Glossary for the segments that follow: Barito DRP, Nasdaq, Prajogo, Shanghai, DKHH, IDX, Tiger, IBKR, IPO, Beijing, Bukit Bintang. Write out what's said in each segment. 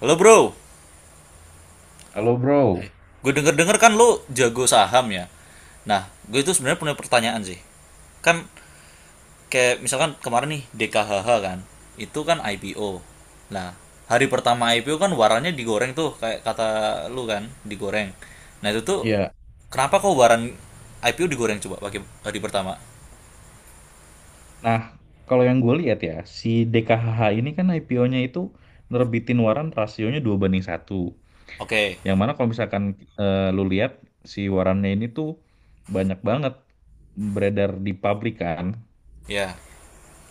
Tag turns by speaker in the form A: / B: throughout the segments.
A: Halo bro,
B: Halo bro,
A: gue denger-denger kan lo jago saham ya. Nah, gue itu sebenarnya punya pertanyaan sih. Kan kayak misalkan kemarin nih DKHH kan, itu kan IPO. Nah, hari pertama IPO kan warannya digoreng tuh kayak kata lo kan, digoreng. Nah, itu tuh
B: ya.
A: kenapa kok waran IPO digoreng coba pakai hari pertama?
B: Nah, kalau yang gue lihat ya, si DKHH ini kan IPO-nya itu nerbitin waran rasionya 2 banding satu.
A: Oke,
B: Yang mana kalau misalkan lu lihat si warannya ini tuh banyak banget beredar di publik kan.
A: ya.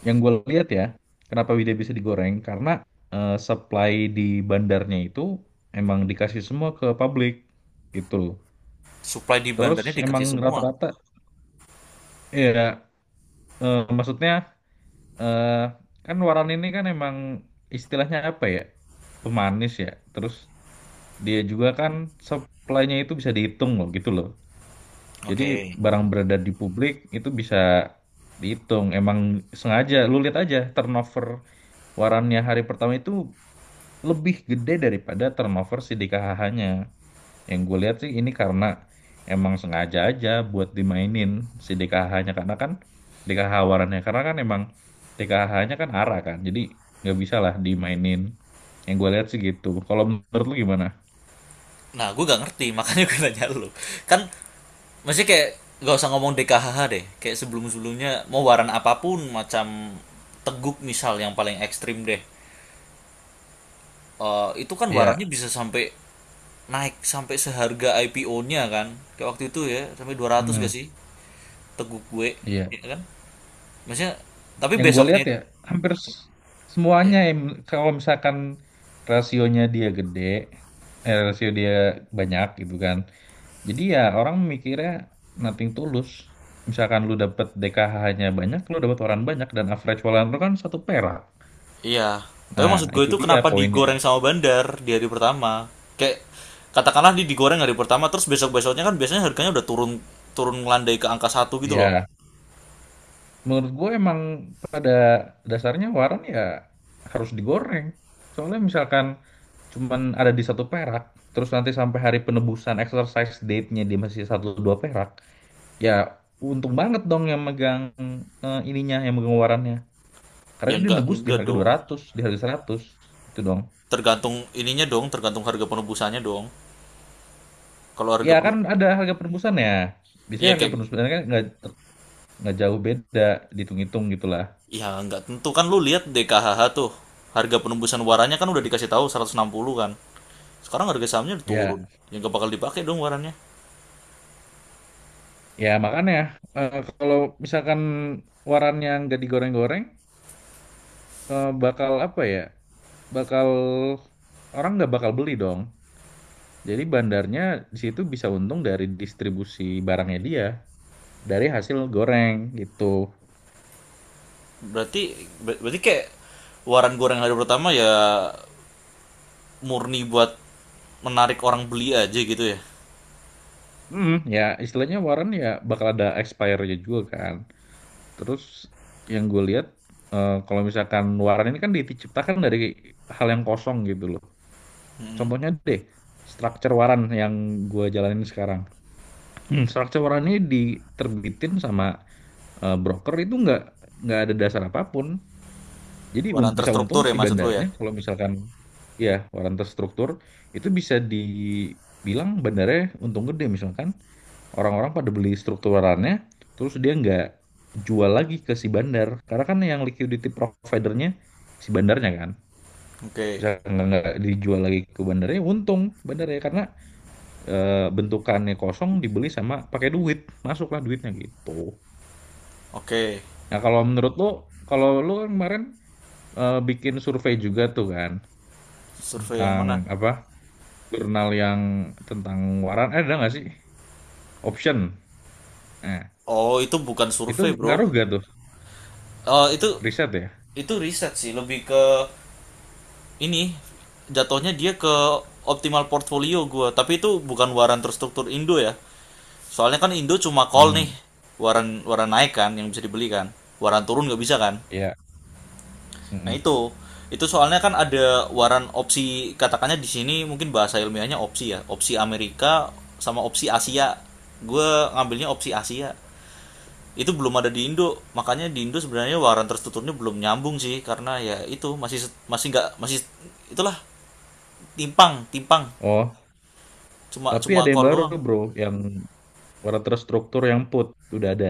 B: Yang gue lihat ya, kenapa dia bisa digoreng? Karena supply di bandarnya itu emang dikasih semua ke publik gitu.
A: Supply di
B: Terus
A: bandarnya dikasih
B: emang
A: semua.
B: rata-rata, ya maksudnya eh kan waran ini kan emang istilahnya apa ya? Pemanis ya. Terus dia juga kan supply-nya itu bisa dihitung loh gitu loh. Jadi
A: Oke.
B: barang beredar di publik itu bisa dihitung. Emang sengaja lu lihat aja turnover warannya hari pertama itu lebih gede daripada turnover si DKHH-nya. Yang gue lihat sih ini karena emang sengaja aja buat dimainin si DKH-nya, karena kan DKH warannya karena kan emang DKH-nya kan arah kan, jadi nggak bisa lah dimainin. Yang gue lihat sih gitu. Kalau menurut lu gimana?
A: Nah, gue gak ngerti, makanya gue nanya lu. Kan maksudnya kayak gak usah ngomong DKHH deh. Kayak sebelum-sebelumnya mau waran apapun macam teguk misal yang paling ekstrim deh. Eh, itu kan warannya
B: Iya.
A: bisa sampai naik sampai seharga IPO-nya kan. Kayak waktu itu ya, sampai 200
B: Hmm,
A: gak sih teguk gue, ya
B: iya.
A: kan? Maksudnya tapi
B: Yang gue
A: besoknya.
B: lihat ya hampir
A: Iya.
B: semuanya kalau misalkan rasionya dia gede, rasio dia banyak gitu kan. Jadi ya orang mikirnya nothing tulus. Misalkan lu dapet DKH-nya banyak, lu dapet waran banyak dan average waran lu kan 1 perak.
A: Iya, tapi
B: Nah,
A: maksud gue
B: itu
A: itu
B: dia
A: kenapa
B: poinnya.
A: digoreng sama bandar di hari pertama? Kayak katakanlah digoreng hari pertama, terus besok besoknya kan biasanya harganya udah turun turun ngelandai ke angka satu gitu loh.
B: Ya, menurut gue emang pada dasarnya waran ya harus digoreng. Soalnya misalkan cuman ada di 1 perak, terus nanti sampai hari penebusan exercise date-nya dia masih satu dua perak, ya untung banget dong yang megang ininya, yang megang warannya.
A: Ya
B: Karena dia nebus di
A: enggak
B: harga dua
A: dong.
B: ratus, di harga 100, gitu dong.
A: Tergantung ininya dong, tergantung harga penebusannya dong. Kalau harga
B: Ya kan
A: penu-
B: ada harga penembusan ya. Biasanya
A: iya
B: harga
A: kayak
B: penembusan kan nggak nggak jauh beda, dihitung-hitung gitulah.
A: ya enggak tentu kan lu lihat DKHH tuh harga penembusan warannya kan udah dikasih tahu 160 kan. Sekarang harga sahamnya udah turun.
B: Ya,
A: Ya enggak bakal dipakai dong warannya.
B: ya makanya kalau misalkan warannya nggak digoreng-goreng, bakal apa ya? Bakal orang nggak bakal beli dong. Jadi bandarnya di situ bisa untung dari distribusi barangnya dia, dari hasil goreng gitu.
A: Berarti berarti kayak waran goreng hari pertama ya murni buat menarik orang beli aja gitu ya.
B: Hmm, ya istilahnya waran ya bakal ada expire-nya juga kan. Terus yang gue lihat kalau misalkan waran ini kan diciptakan dari hal yang kosong gitu loh.
A: Mm-mm.
B: Contohnya deh, structure waran yang gue jalanin sekarang. Structure waran ini diterbitin sama broker itu nggak ada dasar apapun. Jadi
A: Barang
B: bisa untung
A: terstruktur ya
B: si
A: maksud lo ya.
B: bandarnya kalau misalkan ya waran terstruktur itu, bisa dibilang bandarnya untung gede misalkan. Orang-orang pada beli strukturannya, terus dia nggak jual lagi ke si bandar. Karena kan yang liquidity providernya si bandarnya kan.
A: Oke.
B: Bisa nggak dijual lagi ke bandarnya, untung bandarnya. Karena bentukannya kosong dibeli sama pakai duit. Masuklah duitnya gitu.
A: Oke.
B: Nah kalau menurut lo, kalau lo kan kemarin bikin survei juga tuh kan.
A: Survei yang
B: Tentang
A: mana?
B: apa, jurnal yang tentang waran. Eh, ada nggak sih? Option. Nah,
A: Oh, itu bukan
B: itu
A: survei, Bro.
B: ngaruh gak tuh,
A: Oh, itu
B: riset ya?
A: itu riset sih, lebih ke ini jatuhnya dia ke optimal portfolio gua, tapi itu bukan waran terstruktur Indo ya. Soalnya kan Indo cuma call nih.
B: Hmm,
A: Waran waran naik kan yang bisa dibeli kan. Waran turun nggak bisa kan?
B: iya.
A: Nah
B: Mm-mm.
A: itu soalnya kan ada waran opsi katakannya di sini mungkin bahasa ilmiahnya opsi ya, opsi Amerika sama opsi Asia. Gue ngambilnya opsi Asia. Itu belum ada di Indo, makanya di Indo sebenarnya waran tertuturnya belum nyambung sih karena ya itu masih masih nggak masih itulah timpang timpang
B: Oh,
A: cuma
B: tapi
A: cuma
B: ada yang
A: call
B: baru
A: doang.
B: bro, yang warna terstruktur yang put udah ada.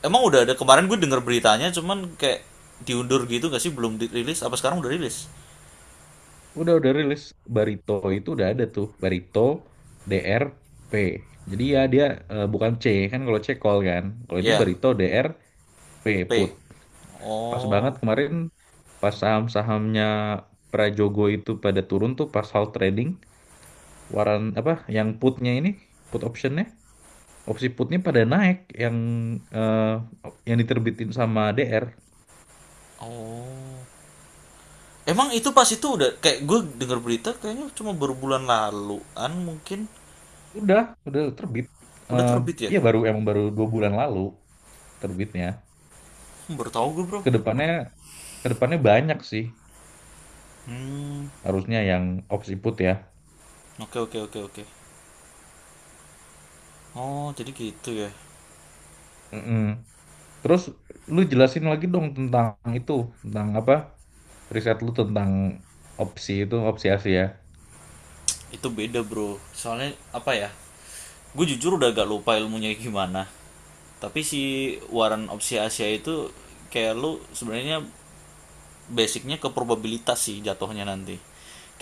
A: Emang udah ada kemarin gue denger beritanya cuman kayak diundur gitu gak sih belum dirilis apa sekarang udah rilis?
B: Udah rilis Barito itu, udah ada tuh Barito DRP. Jadi ya dia bukan C kan, kalau C call kan. Kalau ini
A: Ya,
B: Barito DRP
A: P.
B: put. Pas banget
A: Oh.
B: kemarin pas saham-sahamnya Prajogo itu pada turun tuh, pas hal trading waran apa yang putnya ini, put optionnya, opsi putnya pada naik, yang eh, yang diterbitin sama DR.
A: Oh. Emang itu pas itu udah kayak gue denger berita kayaknya cuma baru bulan laluan mungkin
B: Udah, udah terbit.
A: udah
B: Eh,
A: terbit ya?
B: Iya baru, emang baru 2 bulan lalu terbitnya.
A: Hmm, baru tahu gue bro.
B: Kedepannya, kedepannya banyak sih
A: Hmm,
B: harusnya yang opsi put ya.
A: oke oke oke oke. Oh jadi gitu ya?
B: Mm-mm. Terus lu jelasin lagi dong tentang itu, tentang apa riset lu tentang opsi itu, opsi Asia.
A: Itu beda bro. Soalnya apa ya? Gue jujur udah agak lupa ilmunya gimana. Tapi si waran opsi Asia itu kayak lu sebenarnya basicnya ke probabilitas sih jatuhnya nanti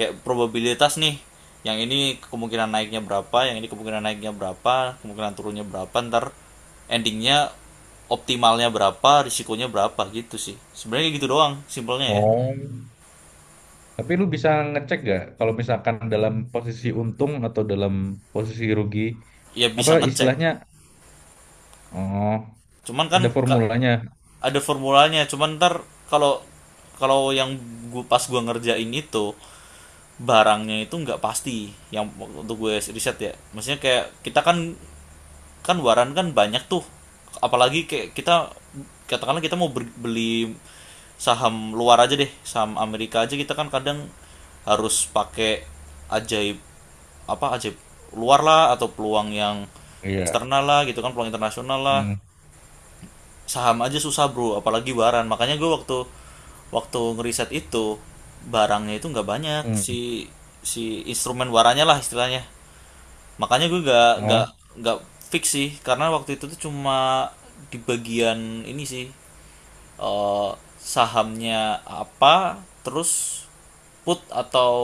A: kayak probabilitas nih yang ini kemungkinan naiknya berapa yang ini kemungkinan naiknya berapa kemungkinan turunnya berapa ntar endingnya optimalnya berapa risikonya berapa gitu sih sebenarnya gitu doang simpelnya ya.
B: Oh. Tapi lu bisa ngecek gak kalau misalkan dalam posisi untung atau dalam posisi rugi,
A: Ya
B: apa
A: bisa ngecek
B: istilahnya? Oh,
A: cuman kan
B: ada formulanya.
A: ada formulanya cuman ntar kalau kalau yang gua pas gua ngerjain itu barangnya itu nggak pasti yang untuk gue riset ya maksudnya kayak kita kan kan waran kan banyak tuh apalagi kayak kita katakanlah kita mau beli saham luar aja deh saham Amerika aja kita kan kadang harus pakai ajaib apa ajaib luar lah atau peluang yang
B: Iya.
A: eksternal lah gitu kan peluang internasional lah
B: Mm.
A: saham aja susah bro apalagi waran makanya gue waktu waktu ngeriset itu barangnya itu nggak banyak si
B: Mm.
A: si instrumen warannya lah istilahnya. Makanya gue gak gak
B: Oh.
A: gak fix sih karena waktu itu tuh cuma di bagian ini sih eh, sahamnya apa terus put atau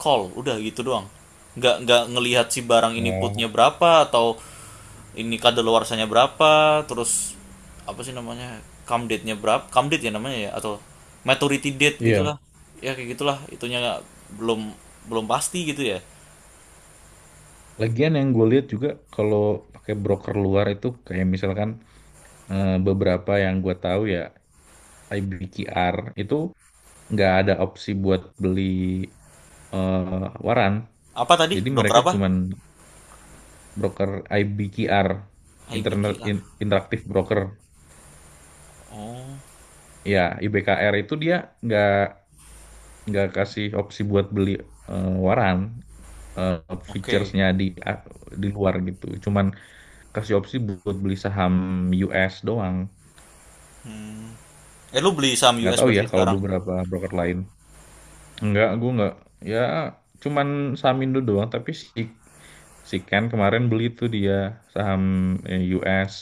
A: call udah gitu doang. Nggak ngelihat si barang ini putnya
B: Oh.
A: berapa atau ini kadaluarsanya berapa terus apa sih namanya come date-nya berapa come date ya namanya ya atau maturity date gitulah
B: Iya,
A: ya kayak gitulah itunya belum belum pasti gitu ya
B: lagian yang gue lihat juga kalau pakai broker luar itu kayak misalkan beberapa yang gue tahu ya, IBKR itu nggak ada opsi buat beli waran,
A: apa tadi
B: jadi
A: broker
B: mereka
A: apa
B: cuman broker. IBKR Internet
A: IBKR.
B: Interaktif Broker
A: Oh,
B: ya, IBKR itu dia nggak nggak kasih opsi buat beli waran,
A: oke.
B: featuresnya di luar gitu, cuman kasih opsi buat beli saham US doang.
A: Eh lu beli saham
B: Nggak
A: US
B: tahu ya
A: berarti
B: kalau
A: sekarang?
B: beberapa broker lain, nggak, gue nggak, ya cuman saham Indo doang. Tapi si si Ken kemarin beli tuh, dia saham US,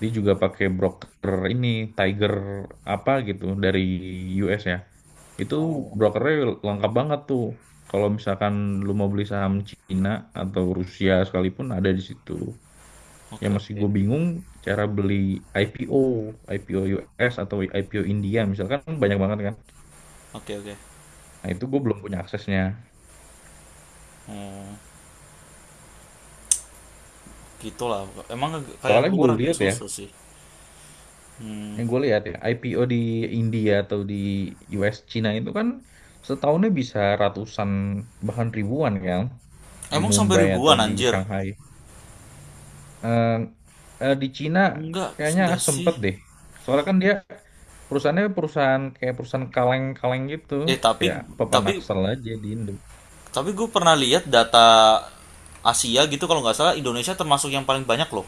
B: dia juga pakai broker ini Tiger apa gitu dari US ya, itu
A: Oh.
B: brokernya lengkap banget tuh. Kalau misalkan lu mau beli saham Cina atau Rusia sekalipun ada di situ.
A: Oke,
B: Yang masih
A: oke.
B: gue bingung, cara beli IPO, IPO US atau IPO India misalkan banyak banget kan.
A: Oke, oke.
B: Nah itu gue belum punya aksesnya.
A: Oh, gitulah. Emang kayak yang
B: Soalnya gue
A: luar agak
B: lihat ya,
A: susah sih. Hmm.
B: yang gue lihat ya IPO di India atau di US, Cina itu kan setahunnya bisa ratusan bahkan ribuan kan, di
A: Emang sampai
B: Mumbai atau
A: ribuan
B: di
A: anjir?
B: Shanghai. Eh, di Cina kayaknya
A: Enggak sih.
B: sempet deh. Soalnya kan dia perusahaannya, perusahaan kayak perusahaan kaleng-kaleng gitu,
A: Eh,
B: kayak apa
A: tapi
B: pepanaksel aja di Indo.
A: tapi gue pernah lihat data Asia gitu kalau nggak salah Indonesia termasuk yang paling banyak loh.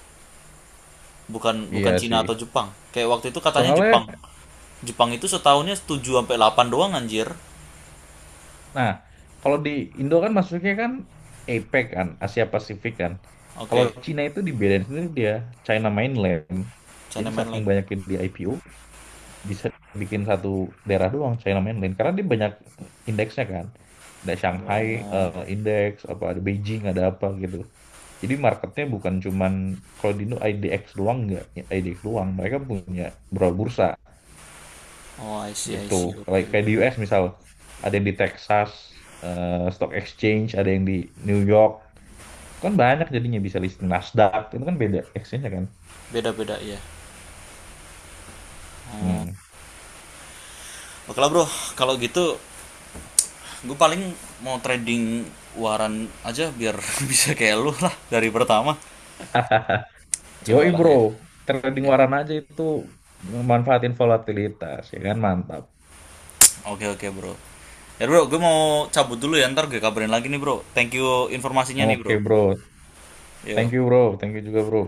A: Bukan bukan
B: Iya
A: Cina
B: sih.
A: atau Jepang. Kayak waktu itu katanya
B: Soalnya
A: Jepang. Jepang itu setahunnya 7 sampai 8 doang anjir.
B: Nah, kalau di Indo kan masuknya kan APEC kan, Asia Pasifik kan. Kalau
A: Oke,
B: Cina itu dibedain sendiri dia, China Mainland. Jadi
A: China
B: saking
A: Mainland.
B: banyaknya di IPO, bisa bikin satu daerah doang, China Mainland. Karena dia banyak indeksnya kan. Ada Shanghai
A: Oh,
B: Index, apa ada Beijing, ada apa gitu. Jadi marketnya bukan cuman kalau di Indo IDX doang, nggak, IDX doang. Mereka punya beberapa bursa
A: oh I see, I
B: gitu,
A: see. Oke,
B: kayak kayak
A: oke.
B: di US misal ada yang di Texas Stock Exchange, ada yang di New York. Itu kan banyak, jadinya bisa listing Nasdaq itu kan beda exchange kan.
A: Beda-beda ya. Oh.
B: Hmm.
A: Oke lah bro, kalau gitu gue paling mau trading waran aja biar bisa kayak lu lah dari pertama.
B: Yoi
A: Cobalah
B: bro,
A: ya.
B: trading
A: Iya.
B: waran aja itu memanfaatin volatilitas ya kan, mantap.
A: Oke, oke bro. Ya bro, gue mau cabut dulu ya, ntar gue kabarin lagi nih bro. Thank you informasinya nih bro.
B: Oke bro,
A: Yo.
B: thank you bro, thank you juga bro.